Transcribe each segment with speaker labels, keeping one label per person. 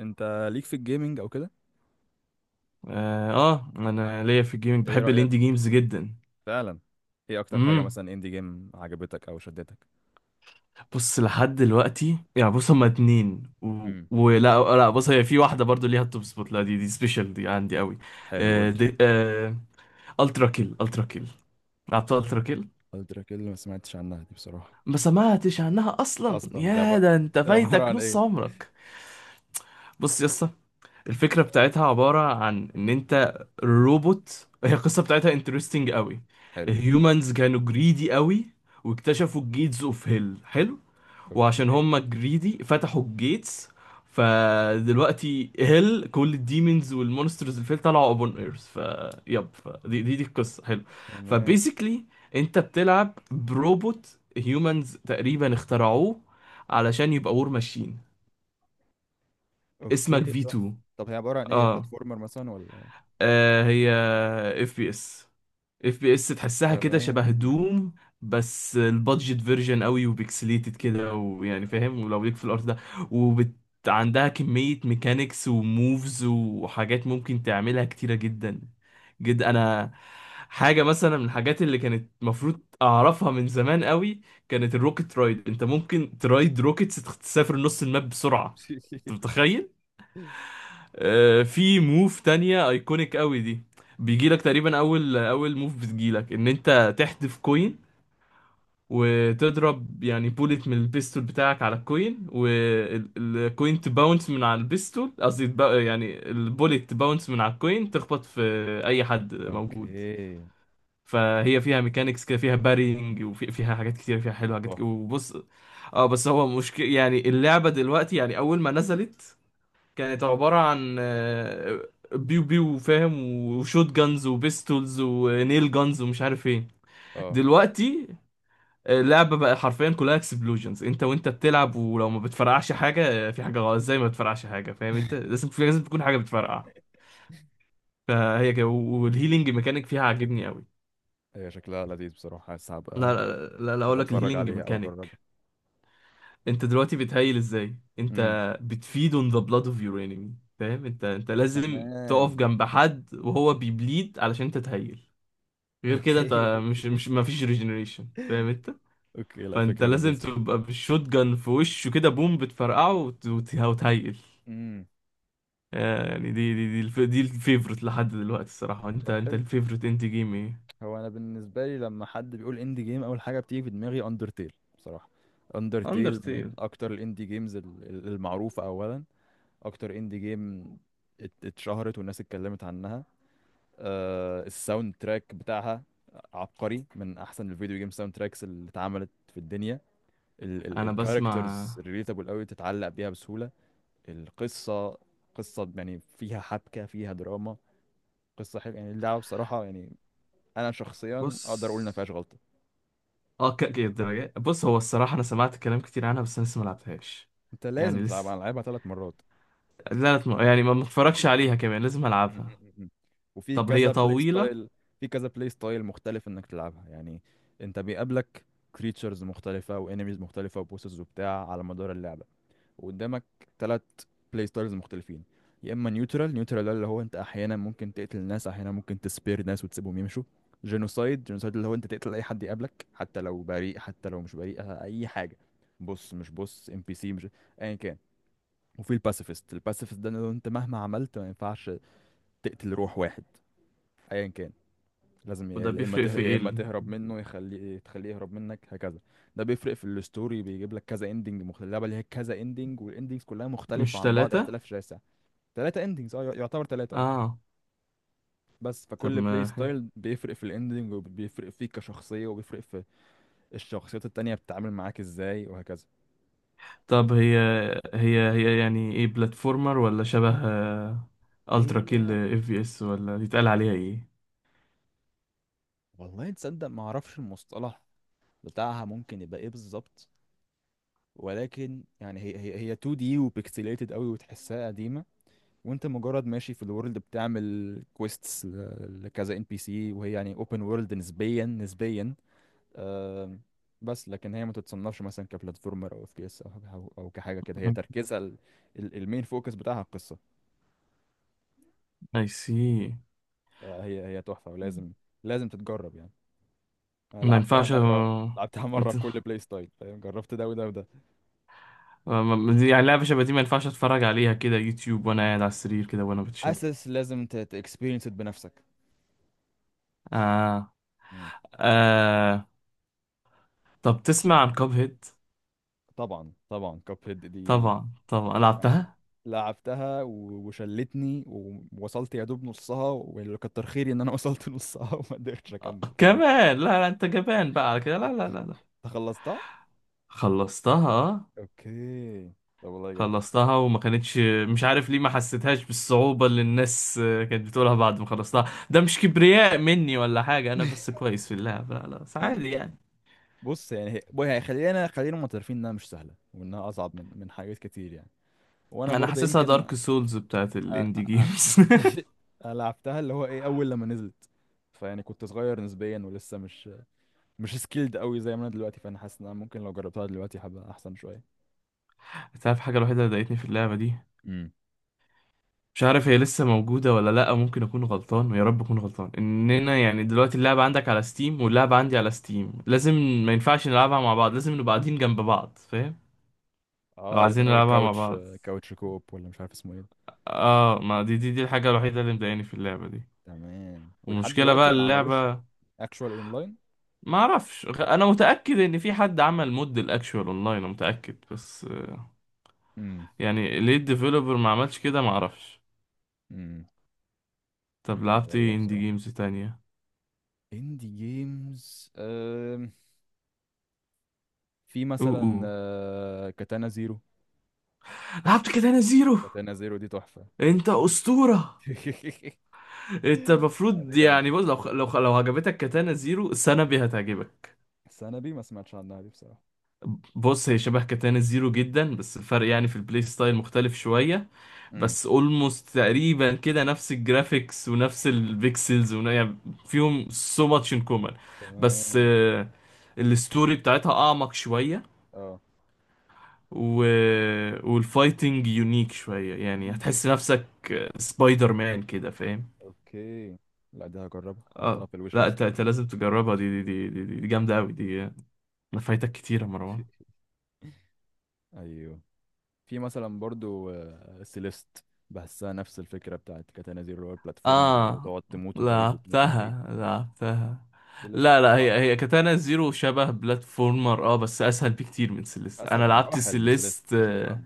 Speaker 1: انت ليك في الجيمنج او كده؟
Speaker 2: انا ليا في الجيمنج
Speaker 1: ايه
Speaker 2: بحب
Speaker 1: رأيك؟
Speaker 2: الاندي جيمز جدا.
Speaker 1: فعلا. ايه اكتر حاجة
Speaker 2: امم
Speaker 1: مثلا اندي جيم عجبتك او شدتك؟
Speaker 2: بص، لحد دلوقتي يعني بص، هما اتنين
Speaker 1: امم
Speaker 2: ولا لا، بص هي في واحده برضو ليها التوب سبوت، لا دي سبيشال دي عندي قوي.
Speaker 1: حلو، قول
Speaker 2: آه
Speaker 1: لي.
Speaker 2: دي آه الترا كيل، الترا كيل، لعبت الترا كيل.
Speaker 1: الدراك اللي ما سمعتش عنها دي بصراحة.
Speaker 2: ما سمعتش عنها اصلا،
Speaker 1: اصلا ده
Speaker 2: يا
Speaker 1: بقى
Speaker 2: ده انت
Speaker 1: هي عبارة
Speaker 2: فايتك
Speaker 1: عن
Speaker 2: نص
Speaker 1: ايه؟
Speaker 2: عمرك. بص يا اسطى، الفكرة بتاعتها عبارة عن إن أنت روبوت. هي القصة بتاعتها انترستنج قوي.
Speaker 1: حلو.
Speaker 2: الهيومنز كانوا جريدي قوي، واكتشفوا الجيتس اوف هيل. حلو. وعشان
Speaker 1: اوكي.
Speaker 2: هما جريدي فتحوا الجيتس، فدلوقتي هيل كل الديمونز والمونسترز اللي فيه طلعوا ابون ايرث. دي القصة. حلو.
Speaker 1: تمام.
Speaker 2: فبيزيكلي انت بتلعب بروبوت هيومنز تقريبا اخترعوه علشان يبقى وور ماشين.
Speaker 1: اوكي.
Speaker 2: اسمك في
Speaker 1: تحفة.
Speaker 2: 2.
Speaker 1: طب هي عبارة عن ايه؟ بلاتفورمر مثلا ولا؟
Speaker 2: آه، هي اف بي اس، اف بي اس تحسها كده شبه
Speaker 1: تمام.
Speaker 2: دوم، بس البادجت فيرجن قوي وبيكسليتد كده، ويعني فاهم ولو ليك في الارت ده. وبت عندها كمية ميكانيكس وموفز وحاجات ممكن تعملها كتيرة جدا جدا. انا حاجة مثلا من الحاجات اللي كانت المفروض اعرفها من زمان قوي كانت الروكت رايد، انت ممكن ترايد روكتس تسافر نص الماب بسرعة، انت متخيل؟ في موف تانية ايكونيك قوي دي، بيجيلك تقريبا اول موف بتجيلك، ان انت تحذف كوين وتضرب يعني بوليت من البيستول بتاعك على الكوين، والكوين تباونس من على البيستول، قصدي يعني البوليت تباونس من على الكوين تخبط في اي حد موجود.
Speaker 1: اوكي.
Speaker 2: فهي فيها ميكانيكس كده، فيها بارينج، وفيها حاجات كتير فيها
Speaker 1: طب
Speaker 2: حلوه، حاجات
Speaker 1: تحفة.
Speaker 2: كتير. وبص، اه بس هو مشكلة يعني اللعبة دلوقتي، يعني أول ما نزلت كانت عبارة عن بيو بيو، فاهم؟ وشوت جانز وبيستولز ونيل جانز ومش عارف ايه.
Speaker 1: اه.
Speaker 2: دلوقتي اللعبة بقى حرفيا كلها اكسبلوجنز، انت وانت بتلعب ولو ما بتفرقعش حاجة في حاجة غلط. ازاي ما بتفرقعش حاجة، فاهم؟ انت لازم، لازم تكون حاجة بتفرقع. فهي كده، والهيلينج ميكانيك فيها عاجبني قوي.
Speaker 1: هي شكلها لذيذ بصراحة، بس
Speaker 2: لا
Speaker 1: هبقى
Speaker 2: لا لا, لا اقول لك
Speaker 1: اتفرج
Speaker 2: الهيلينج
Speaker 1: عليها او اجربها.
Speaker 2: ميكانيك، انت دلوقتي بتهيل ازاي؟ انت
Speaker 1: امم
Speaker 2: بتفيد on the blood of your enemy، فاهم؟ انت، انت لازم تقف
Speaker 1: تمام.
Speaker 2: جنب حد وهو بيبليد علشان انت تهيل. غير كده
Speaker 1: اوكي.
Speaker 2: انت مش ما فيش ريجنريشن، فاهم انت؟
Speaker 1: اوكي، لا
Speaker 2: فانت
Speaker 1: فكرة
Speaker 2: لازم
Speaker 1: لذيذة.
Speaker 2: تبقى بالشوت جان في وشه كده بوم، بتفرقعه وتهيل.
Speaker 1: امم
Speaker 2: يعني دي دي الفيفورت لحد دلوقتي الصراحة. انت،
Speaker 1: طب
Speaker 2: انت
Speaker 1: حلو.
Speaker 2: الفيفورت انت جيم ايه؟
Speaker 1: هو انا بالنسبه لي لما حد بيقول اندي جيم، اول حاجه بتيجي في دماغي اندرتيل بصراحه. اندرتيل من
Speaker 2: اندرتيل؟
Speaker 1: اكتر الاندي جيمز المعروفه. اولا اكتر اندي جيم اتشهرت والناس اتكلمت عنها. آه الساوند تراك بتاعها عبقري، من احسن الفيديو جيم ساوند تراكس اللي اتعملت في الدنيا. ال ال
Speaker 2: انا بسمع.
Speaker 1: الكاركترز ريليتابل قوي، تتعلق بيها بسهوله. القصه، قصه يعني فيها حبكه، فيها دراما، قصه حلوه يعني. اللعبه بصراحه يعني انا شخصيا
Speaker 2: بص،
Speaker 1: اقدر اقول ان ما فيهاش غلطه.
Speaker 2: اه، كأكي الدرجة. بص هو الصراحة أنا سمعت كلام كتير عنها، بس أنا لسه ملعبتهاش،
Speaker 1: انت لازم
Speaker 2: يعني
Speaker 1: تلعبها،
Speaker 2: لسه،
Speaker 1: انا لعبها ثلاث مرات.
Speaker 2: لا لا يعني ما متفرجش عليها كمان. لازم ألعبها.
Speaker 1: وفي
Speaker 2: طب هي
Speaker 1: كذا بلاي
Speaker 2: طويلة؟
Speaker 1: ستايل، في كذا بلاي ستايل مختلف انك تلعبها يعني. انت بيقابلك كريتشرز مختلفة وانيميز مختلفة وبوسز وبتاع على مدار اللعبة، وقدامك ثلاث بلاي ستايلز مختلفين. يا اما نيوترال، نيوترال ده اللي هو انت احيانا ممكن تقتل ناس، احيانا ممكن تسبير ناس وتسيبهم يمشوا. جينوسايد، جينوسايد اللي هو انت تقتل اي حد يقابلك، حتى لو بريء حتى لو مش بريء، اي حاجه. بص مش بص ام بي سي مش ايا كان. وفي الباسيفيست، الباسيفيست ده اللي هو انت مهما عملت ما ينفعش تقتل روح واحد ايا كان. لازم
Speaker 2: وده بيفرق في
Speaker 1: يا
Speaker 2: إيه؟
Speaker 1: اما
Speaker 2: ال-،
Speaker 1: تهرب منه، تخليه يهرب منك، هكذا. ده بيفرق في الستوري، بيجيب لك كذا اندنج مختلف. اللعبه اللي هي كذا اندنج والاندنجز كلها مختلفه
Speaker 2: مش
Speaker 1: عن بعض
Speaker 2: تلاتة؟
Speaker 1: اختلاف شاسع. ثلاثه اندنجز، اه يعتبر ثلاثه اه.
Speaker 2: آه.
Speaker 1: بس
Speaker 2: طب
Speaker 1: فكل بلاي
Speaker 2: ما،
Speaker 1: ستايل بيفرق في الاندنج، وبيفرق فيك كشخصيه، وبيفرق في الشخصيات التانية بتتعامل معاك ازاي وهكذا.
Speaker 2: طب هي، هي يعني إيه؟ بلاتفورمر ولا شبه ألترا كيل؟
Speaker 1: هي
Speaker 2: إف في إس، ولا يتقال عليها إيه؟
Speaker 1: والله تصدق ما اعرفش المصطلح بتاعها ممكن يبقى ايه بالظبط، ولكن يعني هي 2D وبيكسليتد قوي وتحسها قديمه. وانت مجرد ماشي في الورلد بتعمل كويستس لكذا ان بي سي، وهي يعني اوبن وورلد نسبيا، نسبيا. آم، بس لكن هي ما تتصنفش مثلا كبلاتفورمر او اف بي اس او او أو كحاجه كده. هي
Speaker 2: مم.
Speaker 1: تركيزها ال المين فوكس بتاعها القصه.
Speaker 2: أي سي.
Speaker 1: فهي تحفه، ولازم تتجرب يعني. أنا
Speaker 2: ما
Speaker 1: لعبتها
Speaker 2: ينفعش.
Speaker 1: مره، لعبتها مره
Speaker 2: انت،
Speaker 1: بكل بلاي ستايل فاهم، جربت ده وده وده.
Speaker 2: يعني لعبة شبه دي ما ينفعش اتفرج عليها كده يوتيوب وانا قاعد على السرير كده وانا بتشيل.
Speaker 1: اساس لازم تكسبيرينس بنفسك.
Speaker 2: آه.
Speaker 1: مم.
Speaker 2: آه. طب تسمع عن كاب هيد؟
Speaker 1: طبعا طبعا، كاب هيد دي
Speaker 2: طبعا طبعا
Speaker 1: يعني
Speaker 2: لعبتها.
Speaker 1: لعبتها وشلتني، ووصلت يا دوب نصها، واللي كتر خيري ان انا وصلت نصها وما قدرتش
Speaker 2: آه.
Speaker 1: اكمل بصراحة.
Speaker 2: كمان لا لا، انت جبان بقى على كده، لا لا لا لا.
Speaker 1: انت خلصتها؟
Speaker 2: خلصتها آه.
Speaker 1: اوكي. طب والله جامد.
Speaker 2: خلصتها وما كانتش، مش عارف ليه ما حسيتهاش بالصعوبة اللي الناس كانت بتقولها، بعد ما خلصتها ده مش كبرياء مني ولا حاجة، انا بس كويس في اللعب، لا لا بس عادي يعني.
Speaker 1: بص يعني هي بقى، هي خلينا معترفين انها مش سهله، وانها اصعب من حاجات كتير يعني. وانا
Speaker 2: انا
Speaker 1: برضه
Speaker 2: حاسسها
Speaker 1: يمكن
Speaker 2: دارك سولز بتاعت
Speaker 1: أ-
Speaker 2: الاندي جيمز.
Speaker 1: لعبتها اللي هو ايه اول لما نزلت، فيعني كنت صغير نسبيا ولسه مش سكيلد قوي زي ما انا دلوقتي. فانا حاسس ان انا ممكن لو جربتها دلوقتي هبقى احسن شويه.
Speaker 2: تعرف الحاجة الوحيدة اللي ضايقتني في اللعبة دي؟ مش عارف هي لسه موجودة ولا لأ، ممكن أكون غلطان، ويا رب أكون غلطان، إننا يعني دلوقتي اللعبة عندك على ستيم واللعبة عندي على ستيم، لازم، ما ينفعش نلعبها مع بعض، لازم نبقى قاعدين جنب بعض، فاهم؟ لو
Speaker 1: اه لازم،
Speaker 2: عايزين
Speaker 1: هو
Speaker 2: نلعبها مع
Speaker 1: الكاوتش
Speaker 2: بعض.
Speaker 1: كاوتش كوب، ولا مش عارف اسمه ايه.
Speaker 2: اه، ما دي، دي الحاجة الوحيدة اللي مضايقاني في اللعبة دي
Speaker 1: تمام، ولحد
Speaker 2: ومشكلة بقى
Speaker 1: دلوقتي ما عملوش
Speaker 2: اللعبة.
Speaker 1: اكشوال اونلاين.
Speaker 2: ما اعرفش انا متأكد ان في حد عمل مود الاكشوال اونلاين، انا متأكد، بس
Speaker 1: امم
Speaker 2: يعني ليه الديفلوبر ما عملش كده، ما اعرفش.
Speaker 1: امم
Speaker 2: طب لعبت
Speaker 1: غريبة
Speaker 2: ايه اندي
Speaker 1: بصراحة.
Speaker 2: جيمز تانية؟
Speaker 1: اندي جيمز في
Speaker 2: اوه
Speaker 1: مثلا
Speaker 2: اوه،
Speaker 1: كاتانا زيرو.
Speaker 2: لعبت كده انا زيرو.
Speaker 1: كاتانا زيرو دي تحفة.
Speaker 2: انت اسطورة. انت
Speaker 1: دي
Speaker 2: المفروض يعني
Speaker 1: جامدة،
Speaker 2: بص، لو عجبتك كاتانا زيرو، سنبي هتعجبك.
Speaker 1: بس انا دي ما سمعتش عنها دي بصراحة.
Speaker 2: بص هي شبه كاتانا زيرو جدا، بس الفرق يعني في البلاي ستايل مختلف شوية،
Speaker 1: امم
Speaker 2: بس اولموست تقريبا كده نفس الجرافيكس ونفس البيكسلز يعني فيهم سو ماتش ان كومن. بس
Speaker 1: تمام.
Speaker 2: الستوري بتاعتها اعمق شوية،
Speaker 1: اه.
Speaker 2: و... والفايتنج يونيك شوية، يعني
Speaker 1: مم.
Speaker 2: هتحس نفسك سبايدر مان كده، فاهم؟
Speaker 1: اوكي لا، دي هجربها، حطها
Speaker 2: اه،
Speaker 1: في الويش
Speaker 2: لا،
Speaker 1: ليست.
Speaker 2: انت لازم تجربها دي، دي جامدة قوي دي. ما فايتك كتير يا مروان.
Speaker 1: ايوه. في مثلا برضو سيليست. بحسها نفس الفكرة بتاعت كاتانا زيرو اللي هو البلاتفورمر، اللي هو
Speaker 2: اه،
Speaker 1: تقعد تموت وتعيد وتموت وتعيد.
Speaker 2: لعبتها لعبتها.
Speaker 1: سيليست
Speaker 2: لا لا، هي
Speaker 1: صعبة،
Speaker 2: هي كاتانا زيرو شبه بلاتفورمر، اه بس اسهل بكتير من سيليست.
Speaker 1: أسهل
Speaker 2: انا لعبت
Speaker 1: بمراحل من سيليست
Speaker 2: سيليست.
Speaker 1: مفيش مقارنة.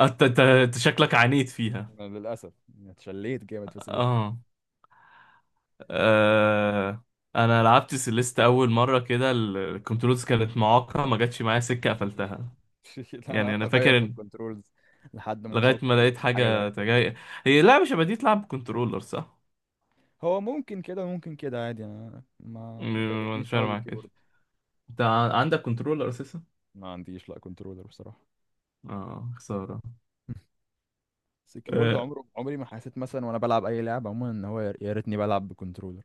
Speaker 2: انت، أنت شكلك عانيت فيها.
Speaker 1: أنا للأسف يعني اتشليت جامد في سيليست.
Speaker 2: اه. آه، انا لعبت سيليست اول مره كده، ال- الكنترولز كانت معاقه، ما جاتش معايا سكه
Speaker 1: مم.
Speaker 2: قفلتها.
Speaker 1: أنا
Speaker 2: يعني
Speaker 1: قعدت
Speaker 2: انا
Speaker 1: أغير
Speaker 2: فاكر
Speaker 1: في
Speaker 2: إن،
Speaker 1: الكنترولز لحد ما
Speaker 2: لغايه
Speaker 1: وصلت
Speaker 2: ما لقيت
Speaker 1: للحاجة اللي
Speaker 2: حاجه
Speaker 1: ريحت.
Speaker 2: تجاي. هي لعبه شبه دي تلعب كنترولر صح؟
Speaker 1: هو ممكن كده، ممكن كده عادي، أنا ما
Speaker 2: مش
Speaker 1: ضايقتنيش
Speaker 2: فاهم
Speaker 1: قوي
Speaker 2: معاك،
Speaker 1: بالكيبورد.
Speaker 2: انت عندك كنترولر اساسا؟
Speaker 1: ما عنديش لا كنترولر بصراحة.
Speaker 2: اه، خسارة.
Speaker 1: بس الكيبورد
Speaker 2: آه،
Speaker 1: عمره ما حسيت مثلا وأنا بلعب أي لعبة عموما إن هو يا ريتني بلعب بكنترولر.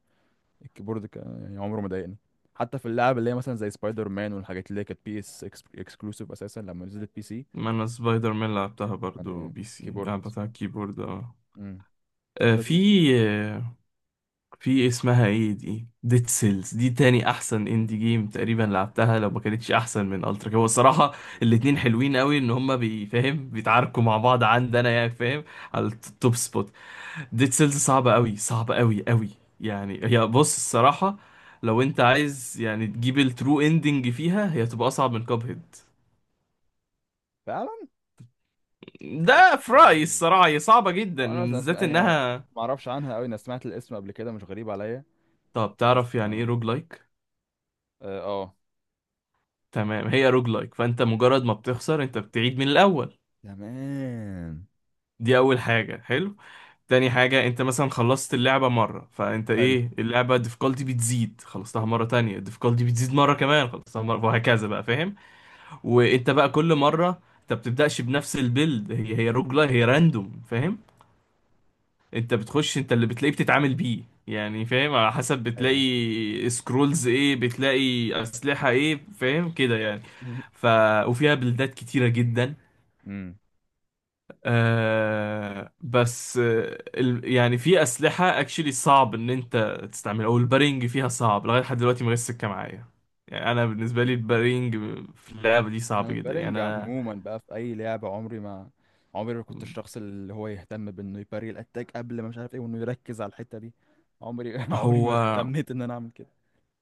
Speaker 1: الكيبورد يعني عمره ما ضايقني. حتى في اللعب اللي هي مثلا زي سبايدر مان والحاجات اللي هي كانت بي اس اكسكلوسيف اساسا لما نزلت بي سي.
Speaker 2: ما انا سبايدر مان لعبتها برضو
Speaker 1: يعني
Speaker 2: بي سي،
Speaker 1: كيبورد،
Speaker 2: لعبتها على الكيبورد اه.
Speaker 1: امم
Speaker 2: آه،
Speaker 1: كانت لذيذه.
Speaker 2: في آه، في اسمها ايه دي، ديد سيلز دي، تاني احسن اندي جيم تقريبا لعبتها، لو ما كانتش احسن من الترا هو الصراحه. الاتنين
Speaker 1: أوكي.
Speaker 2: حلوين قوي، ان هما بيفهم بيتعاركوا مع بعض عندنا يعني، فاهم؟ على التوب سبوت. ديد سيلز صعبة قوي، صعبة قوي قوي. يعني هي بص الصراحة، لو انت عايز يعني تجيب الترو اندنج فيها، هي تبقى اصعب من كاب هيد،
Speaker 1: فعلا.
Speaker 2: ده في رأيي
Speaker 1: مم.
Speaker 2: الصراحة. هي صعبة جدا،
Speaker 1: انا أصلاً
Speaker 2: بالذات
Speaker 1: يعني
Speaker 2: انها.
Speaker 1: ما اعرفش عنها قوي، انا سمعت الاسم قبل كده، مش غريب عليا.
Speaker 2: طب
Speaker 1: بس
Speaker 2: تعرف يعني
Speaker 1: ما
Speaker 2: ايه روج لايك؟
Speaker 1: اه آه.
Speaker 2: تمام، هي روج لايك، فانت مجرد ما بتخسر انت بتعيد من الاول،
Speaker 1: تمام.
Speaker 2: دي اول حاجة. حلو. تاني حاجة، انت مثلا خلصت اللعبة مرة، فانت
Speaker 1: حلو
Speaker 2: ايه، اللعبة difficulty بتزيد، خلصتها
Speaker 1: حلو.
Speaker 2: مرة تانية difficulty بتزيد مرة كمان، خلصتها مرة وهكذا بقى، فاهم؟ وانت بقى كل مرة انت بتبدأش بنفس البيلد، هي روج لايك، هي راندوم، فاهم؟ انت بتخش، انت اللي بتلاقيه بتتعامل بيه يعني، فاهم؟ على حسب
Speaker 1: ايه.
Speaker 2: بتلاقي سكرولز ايه، بتلاقي اسلحة ايه، فاهم كده يعني. ف، وفيها بلدات كتيرة جدا.
Speaker 1: امم
Speaker 2: آه بس آه يعني في اسلحة اكشلي صعب ان انت تستعملها، او البارينج فيها صعب لغاية، لحد دلوقتي ما جاتش سكة معايا. يعني انا بالنسبة لي البارينج في اللعبة دي
Speaker 1: انا
Speaker 2: صعب جدا،
Speaker 1: البارينج
Speaker 2: يعني انا.
Speaker 1: عموما بقى في اي لعبه عمري ما كنت الشخص اللي هو يهتم بانه يباري الاتاك قبل ما مش عارف ايه، وانه يركز على الحته دي. عمري
Speaker 2: هو،
Speaker 1: ما اهتميت ان انا اعمل كده.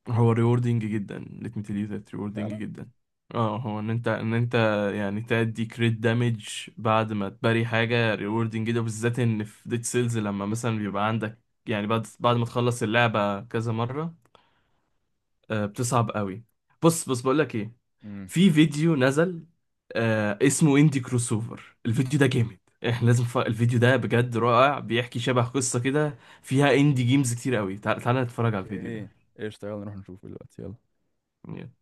Speaker 2: هو ريوردينج جدا let me tell you that، ريوردينج
Speaker 1: فعلا.
Speaker 2: جدا. اه، هو ان انت، ان انت يعني تأدي كريت دامج بعد ما تباري حاجة ريوردينج جدا، بالذات ان في ديد سيلز لما مثلا بيبقى عندك، يعني بعد ما تخلص اللعبة كذا مرة آه بتصعب قوي. بص بقول لك ايه،
Speaker 1: امم
Speaker 2: في فيديو نزل آه اسمه اندي كروسوفر، الفيديو ده جامد، احنا لازم الفيديو ده بجد رائع، بيحكي شبه قصة كده فيها اندي جيمز كتير قوي. تعال نتفرج على الفيديو
Speaker 1: اوكي، ايش تعال نروح نشوفه دلوقتي، يلا.
Speaker 2: ده